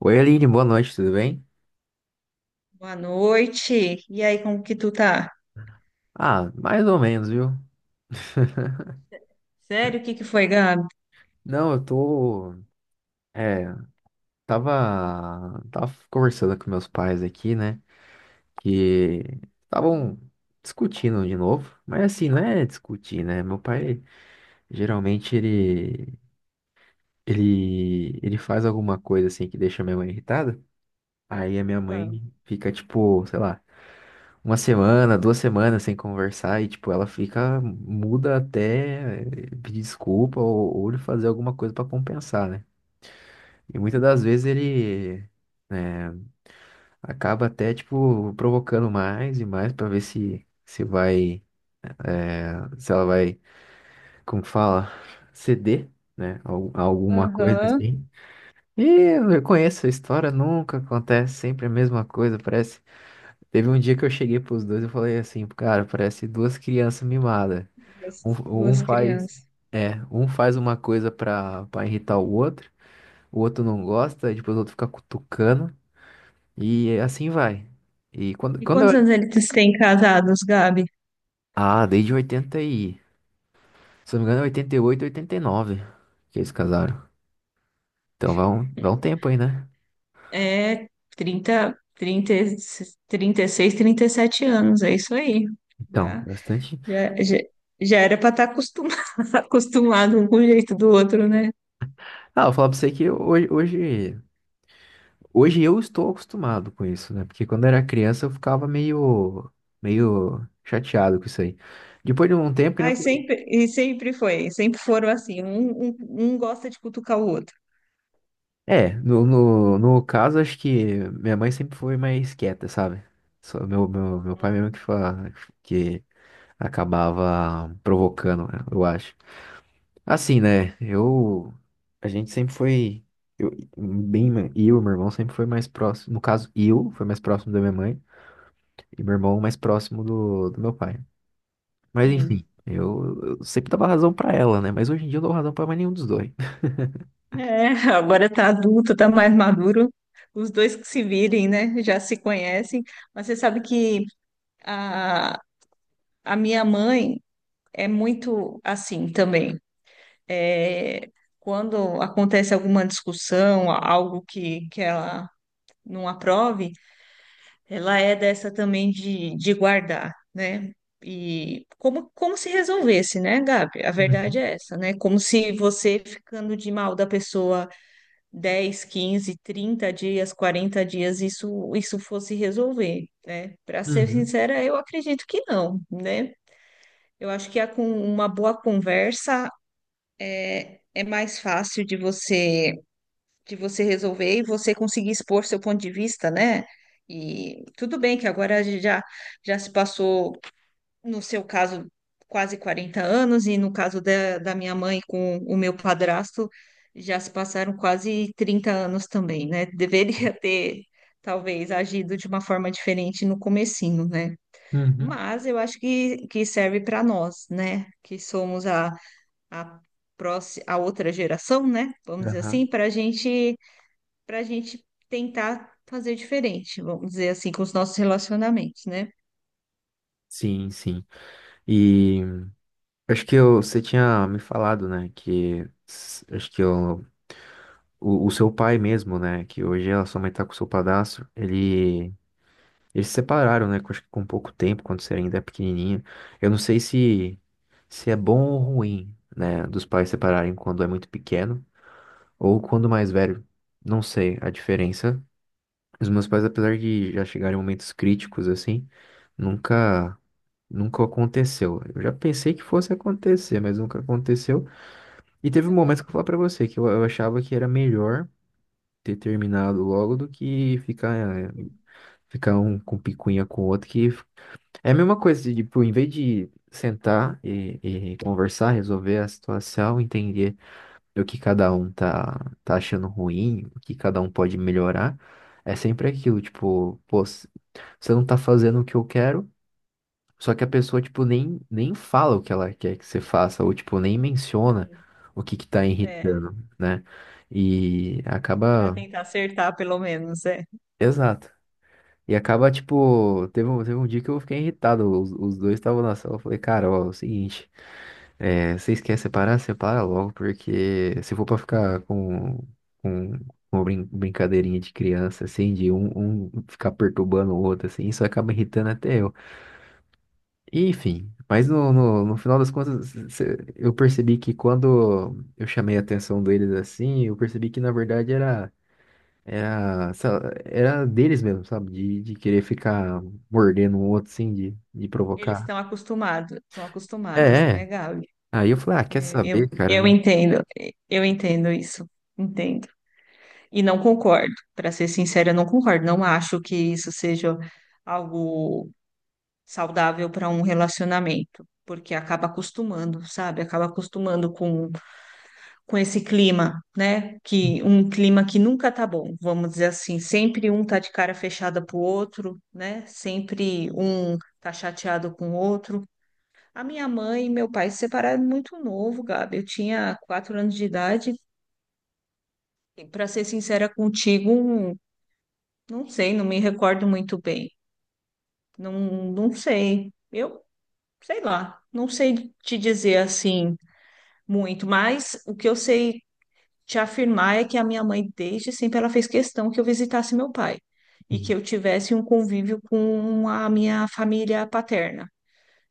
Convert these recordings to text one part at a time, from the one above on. Oi, Aline, boa noite, tudo bem? Boa noite. E aí, como que tu tá? Ah, mais ou menos, viu? Sério, o que que foi, Gabi? Não, eu tô. É, tava. Tava conversando com meus pais aqui, né? Que estavam discutindo de novo. Mas assim, não é discutir, né? Meu pai, geralmente, ele faz alguma coisa assim que deixa minha mãe irritada. Aí a minha Ah. mãe fica tipo, sei lá, uma semana, 2 semanas sem conversar e, tipo, ela fica muda até pedir desculpa ou ele fazer alguma coisa pra compensar, né? E muitas das vezes ele, né, acaba até, tipo, provocando mais e mais pra ver se vai, se ela vai, como que fala, ceder, né? Alguma coisa Aham. assim. E eu conheço a história, nunca acontece, sempre a mesma coisa, parece. Teve um dia que eu cheguei pros dois e falei assim, cara, parece duas crianças mimadas. Duas, Um, duas um faz, crianças. é, um faz uma coisa pra irritar o outro não gosta, e depois o outro fica cutucando, e assim vai. E quando, E quando eu... quantos anos eles têm casados, Gabi? Ah, desde 80 e... Se eu não me engano, é 88, 89 que eles casaram. Então vai um tempo aí, né? É trinta trinta e- 36, 37 anos, é isso aí. Então, Já, bastante... já, já, já era para estar acostumado, acostumado um com o jeito do outro, né? Ah, eu vou falar pra você que hoje eu estou acostumado com isso, né? Porque quando eu era criança eu ficava meio chateado com isso aí. Depois de um tempo, que nem Ai, eu. sempre, e sempre foi, sempre foram assim, um gosta de cutucar o outro. É, no caso, acho que minha mãe sempre foi mais quieta, sabe? Só meu pai mesmo que acabava provocando, né, eu acho. Assim, né? Eu. A gente sempre foi. Eu, bem, eu e meu irmão sempre foi mais próximo. No caso, eu foi mais próximo da minha mãe e meu irmão mais próximo do meu pai. Mas enfim, Sim. eu sempre dava razão pra ela, né? Mas hoje em dia eu não dou razão pra mais nenhum dos dois. É, agora tá adulto, tá mais maduro. Os dois que se virem, né? Já se conhecem. Mas você sabe que a, a minha mãe é muito assim também. É, quando acontece alguma discussão, algo que ela não aprove, ela é dessa também de guardar, né? E como se resolvesse, né, Gabi? A verdade Uhum, é essa, né? Como se você ficando de mal da pessoa 10, 15, 30 dias, 40 dias isso fosse resolver, né? Para ser uhum, sincera, eu acredito que não, né? Eu acho que a, com uma boa conversa é mais fácil de você resolver e você conseguir expor seu ponto de vista, né? E tudo bem que agora já se passou no seu caso, quase 40 anos, e no caso da minha mãe com o meu padrasto, já se passaram quase 30 anos também, né? Deveria ter, talvez, agido de uma forma diferente no comecinho, né? uhum, Mas eu acho que serve para nós, né? Que somos a, próxima, a outra geração, né? Vamos dizer aham. assim, para gente tentar fazer diferente, vamos dizer assim, com os nossos relacionamentos, né? Sim, sim. E. Acho que você tinha me falado, né, que o seu pai mesmo, né, que hoje a sua mãe tá com o seu padrasto, eles se separaram, né, acho que com pouco tempo, quando você ainda é pequenininho. Eu não sei se é bom ou ruim, né, dos pais separarem quando é muito pequeno ou quando mais velho. Não sei a diferença. Os meus pais, apesar de já chegarem em momentos críticos, assim, nunca, nunca aconteceu. Eu já pensei que fosse acontecer, mas nunca aconteceu. E teve um momento que eu falei pra você que eu achava que era melhor ter terminado logo do que ficar um com picuinha com o outro, é a mesma coisa, de, tipo, em vez de sentar e conversar, resolver a situação, entender o que cada um tá achando ruim, o que cada um pode melhorar, é sempre aquilo, tipo, pô, você não tá fazendo o que eu quero, só que a pessoa, tipo, nem fala o que ela quer que você faça, ou, tipo, nem menciona Sim. o que que tá É, irritando, né? E para acaba. tentar acertar, pelo menos, é. Exato. E acaba, tipo, teve um dia que eu fiquei irritado. Os dois estavam na sala. Eu falei, cara, ó, é o seguinte, vocês querem separar? Separa logo, porque se for pra ficar com uma brincadeirinha de criança, assim, de um ficar perturbando o outro, assim, isso acaba irritando até eu. Enfim, mas no final das contas, eu percebi que quando eu chamei a atenção deles assim, eu percebi que na verdade era deles mesmo, sabe? De querer ficar mordendo o outro, assim, de Eles provocar. Estão É, acostumados, né, é. Gabi? Aí eu falei, ah, quer É, saber, eu, cara? eu Não- entendo, eu entendo isso, entendo. E não concordo, para ser sincera, eu não concordo. Não acho que isso seja algo saudável para um relacionamento, porque acaba acostumando, sabe? Acaba acostumando com esse clima, né? Que um clima que nunca tá bom, vamos dizer assim, sempre um tá de cara fechada pro outro, né? Sempre um tá chateado com o outro. A minha mãe e meu pai se separaram muito novo, Gabi. Eu tinha 4 anos de idade. Para ser sincera contigo, não sei, não me recordo muito bem. Não, não sei. Eu sei lá, não sei te dizer assim muito, mas o que eu sei te afirmar é que a minha mãe, desde sempre, ela fez questão que eu visitasse meu pai e Uhum, que eu tivesse um convívio com a minha família paterna,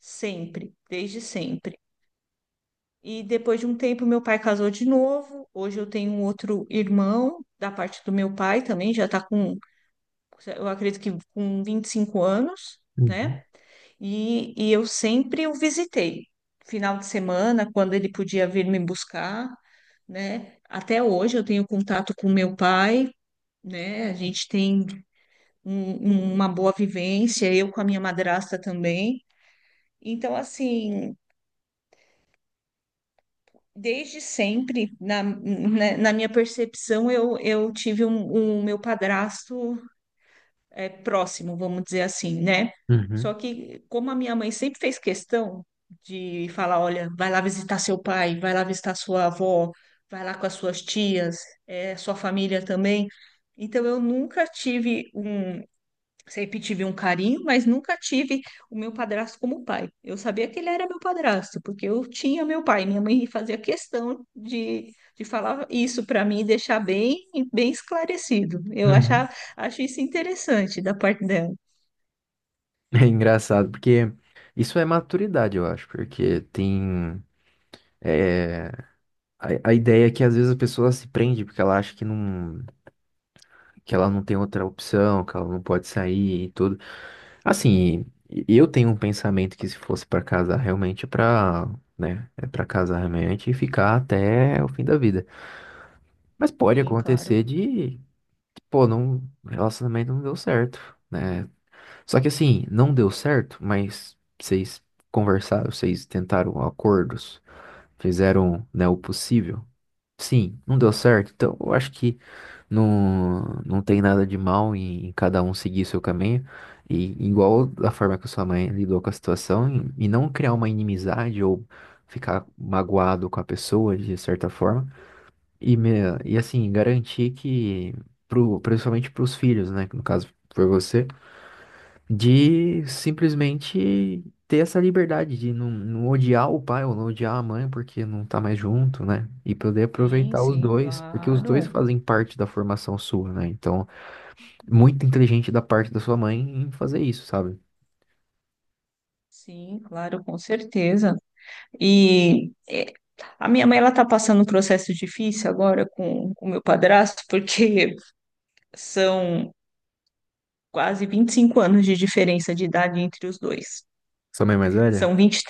sempre, desde sempre. E depois de um tempo, meu pai casou de novo. Hoje eu tenho um outro irmão da parte do meu pai também, já está com, eu acredito que com 25 anos, uhum, né? E eu sempre o visitei. Final de semana, quando ele podia vir me buscar, né? Até hoje eu tenho contato com meu pai, né? A gente tem uma boa vivência, eu com a minha madrasta também. Então, assim, desde sempre, na, né, na minha percepção, eu tive um meu padrasto é, próximo, vamos dizer assim, né? Só uhum, que, como a minha mãe sempre fez questão de falar: olha, vai lá visitar seu pai, vai lá visitar sua avó, vai lá com as suas tias, é, sua família também. Então, eu nunca tive. Sempre tive um carinho, mas nunca tive o meu padrasto como pai. Eu sabia que ele era meu padrasto, porque eu tinha meu pai. Minha mãe fazia questão de falar isso para mim, e deixar bem, bem esclarecido. Eu uhum. achava, acho isso interessante da parte dela. É engraçado, porque isso é maturidade, eu acho, porque tem. é, a ideia é que às vezes a pessoa se prende porque ela acha que não. Que ela não tem outra opção, que ela não pode sair e tudo. Assim, eu tenho um pensamento que se fosse pra casar realmente é pra, né, é para casar realmente e ficar até o fim da vida. Mas pode Sim, claro. acontecer de, pô, não, o relacionamento não deu certo, né? Só que assim, não deu certo, mas vocês conversaram, vocês tentaram acordos, fizeram, né, o possível. Sim, não deu certo, então eu acho que não, não tem nada de mal em cada um seguir seu caminho. E igual da forma que a sua mãe lidou com a situação, e não criar uma inimizade ou ficar magoado com a pessoa de certa forma. E, me, e assim, garantir que, principalmente para os filhos, né? Que no caso foi você, de simplesmente ter essa liberdade de não odiar o pai ou não odiar a mãe porque não tá mais junto, né? E poder Sim, aproveitar os sim, dois, porque os dois claro. fazem parte da formação sua, né? Então. Muito inteligente da parte da sua mãe em fazer isso, sabe? Sim, claro, com certeza. E é, a minha mãe ela está passando um processo difícil agora com o meu padrasto, porque são quase 25 anos de diferença de idade entre os dois. Sua mãe é mais velha? São 20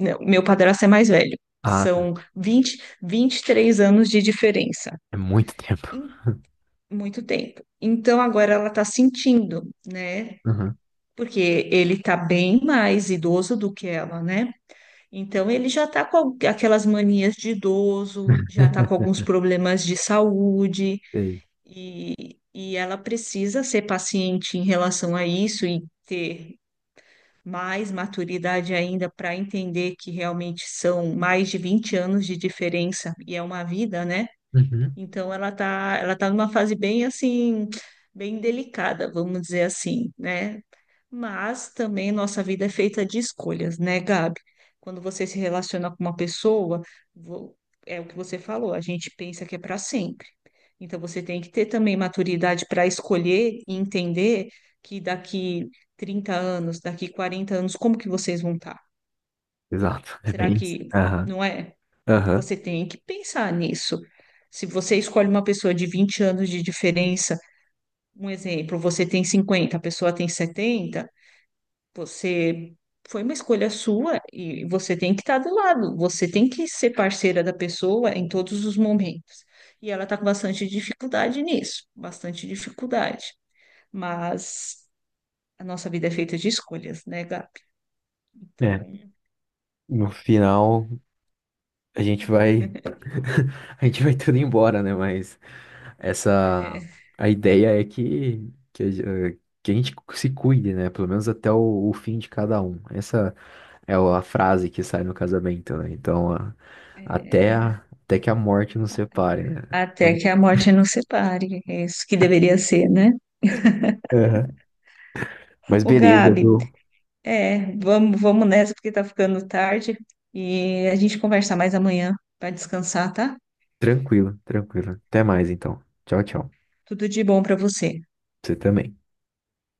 Não, meu padrasto é mais velho. Ah, tá. São vinte e três anos de diferença. É muito tempo. Em muito tempo. Então agora ela tá sentindo, né? Uhum. Porque ele tá bem mais idoso do que ela, né? Então ele já tá com aquelas manias de idoso, já tá com alguns problemas de saúde Sei. e, e ela precisa ser paciente em relação a isso e ter mais maturidade ainda para entender que realmente são mais de 20 anos de diferença e é uma vida, né? Uhum. Então ela tá numa fase bem assim, bem delicada, vamos dizer assim, né? Mas também nossa vida é feita de escolhas, né, Gabi? Quando você se relaciona com uma pessoa, vo- é o que você falou, a gente pensa que é para sempre. Então você tem que ter também maturidade para escolher e entender que daqui 30 anos, daqui 40 anos, como que vocês vão estar? Exato. É Será bem isso. que Aham. não é? Aham. Você tem que pensar nisso. Se você escolhe uma pessoa de 20 anos de diferença, um exemplo, você tem 50, a pessoa tem 70. Você foi uma escolha sua e você tem que estar do lado, você tem que ser parceira da pessoa em todos os momentos. E ela está com bastante dificuldade nisso, bastante dificuldade. Mas a nossa vida é feita de escolhas, né, Gabi? É. Então, No final, a gente vai. A gente vai tudo embora, né? Mas. Essa é, A ideia é que a gente se cuide, né? Pelo menos até o fim de cada um. Essa é a frase que sai no casamento, né? Então, a- até, é, a- até que a morte nos separe, né? até Então, que a morte nos separe, é isso que deveria ser, né? aham. Mas Ô, beleza, Gabi, viu? é, vamos, vamos nessa porque tá ficando tarde e a gente conversa mais amanhã para descansar, tá? Tranquilo, tranquilo. Até mais, então. Tchau, tchau. Tudo de bom para você. Você também.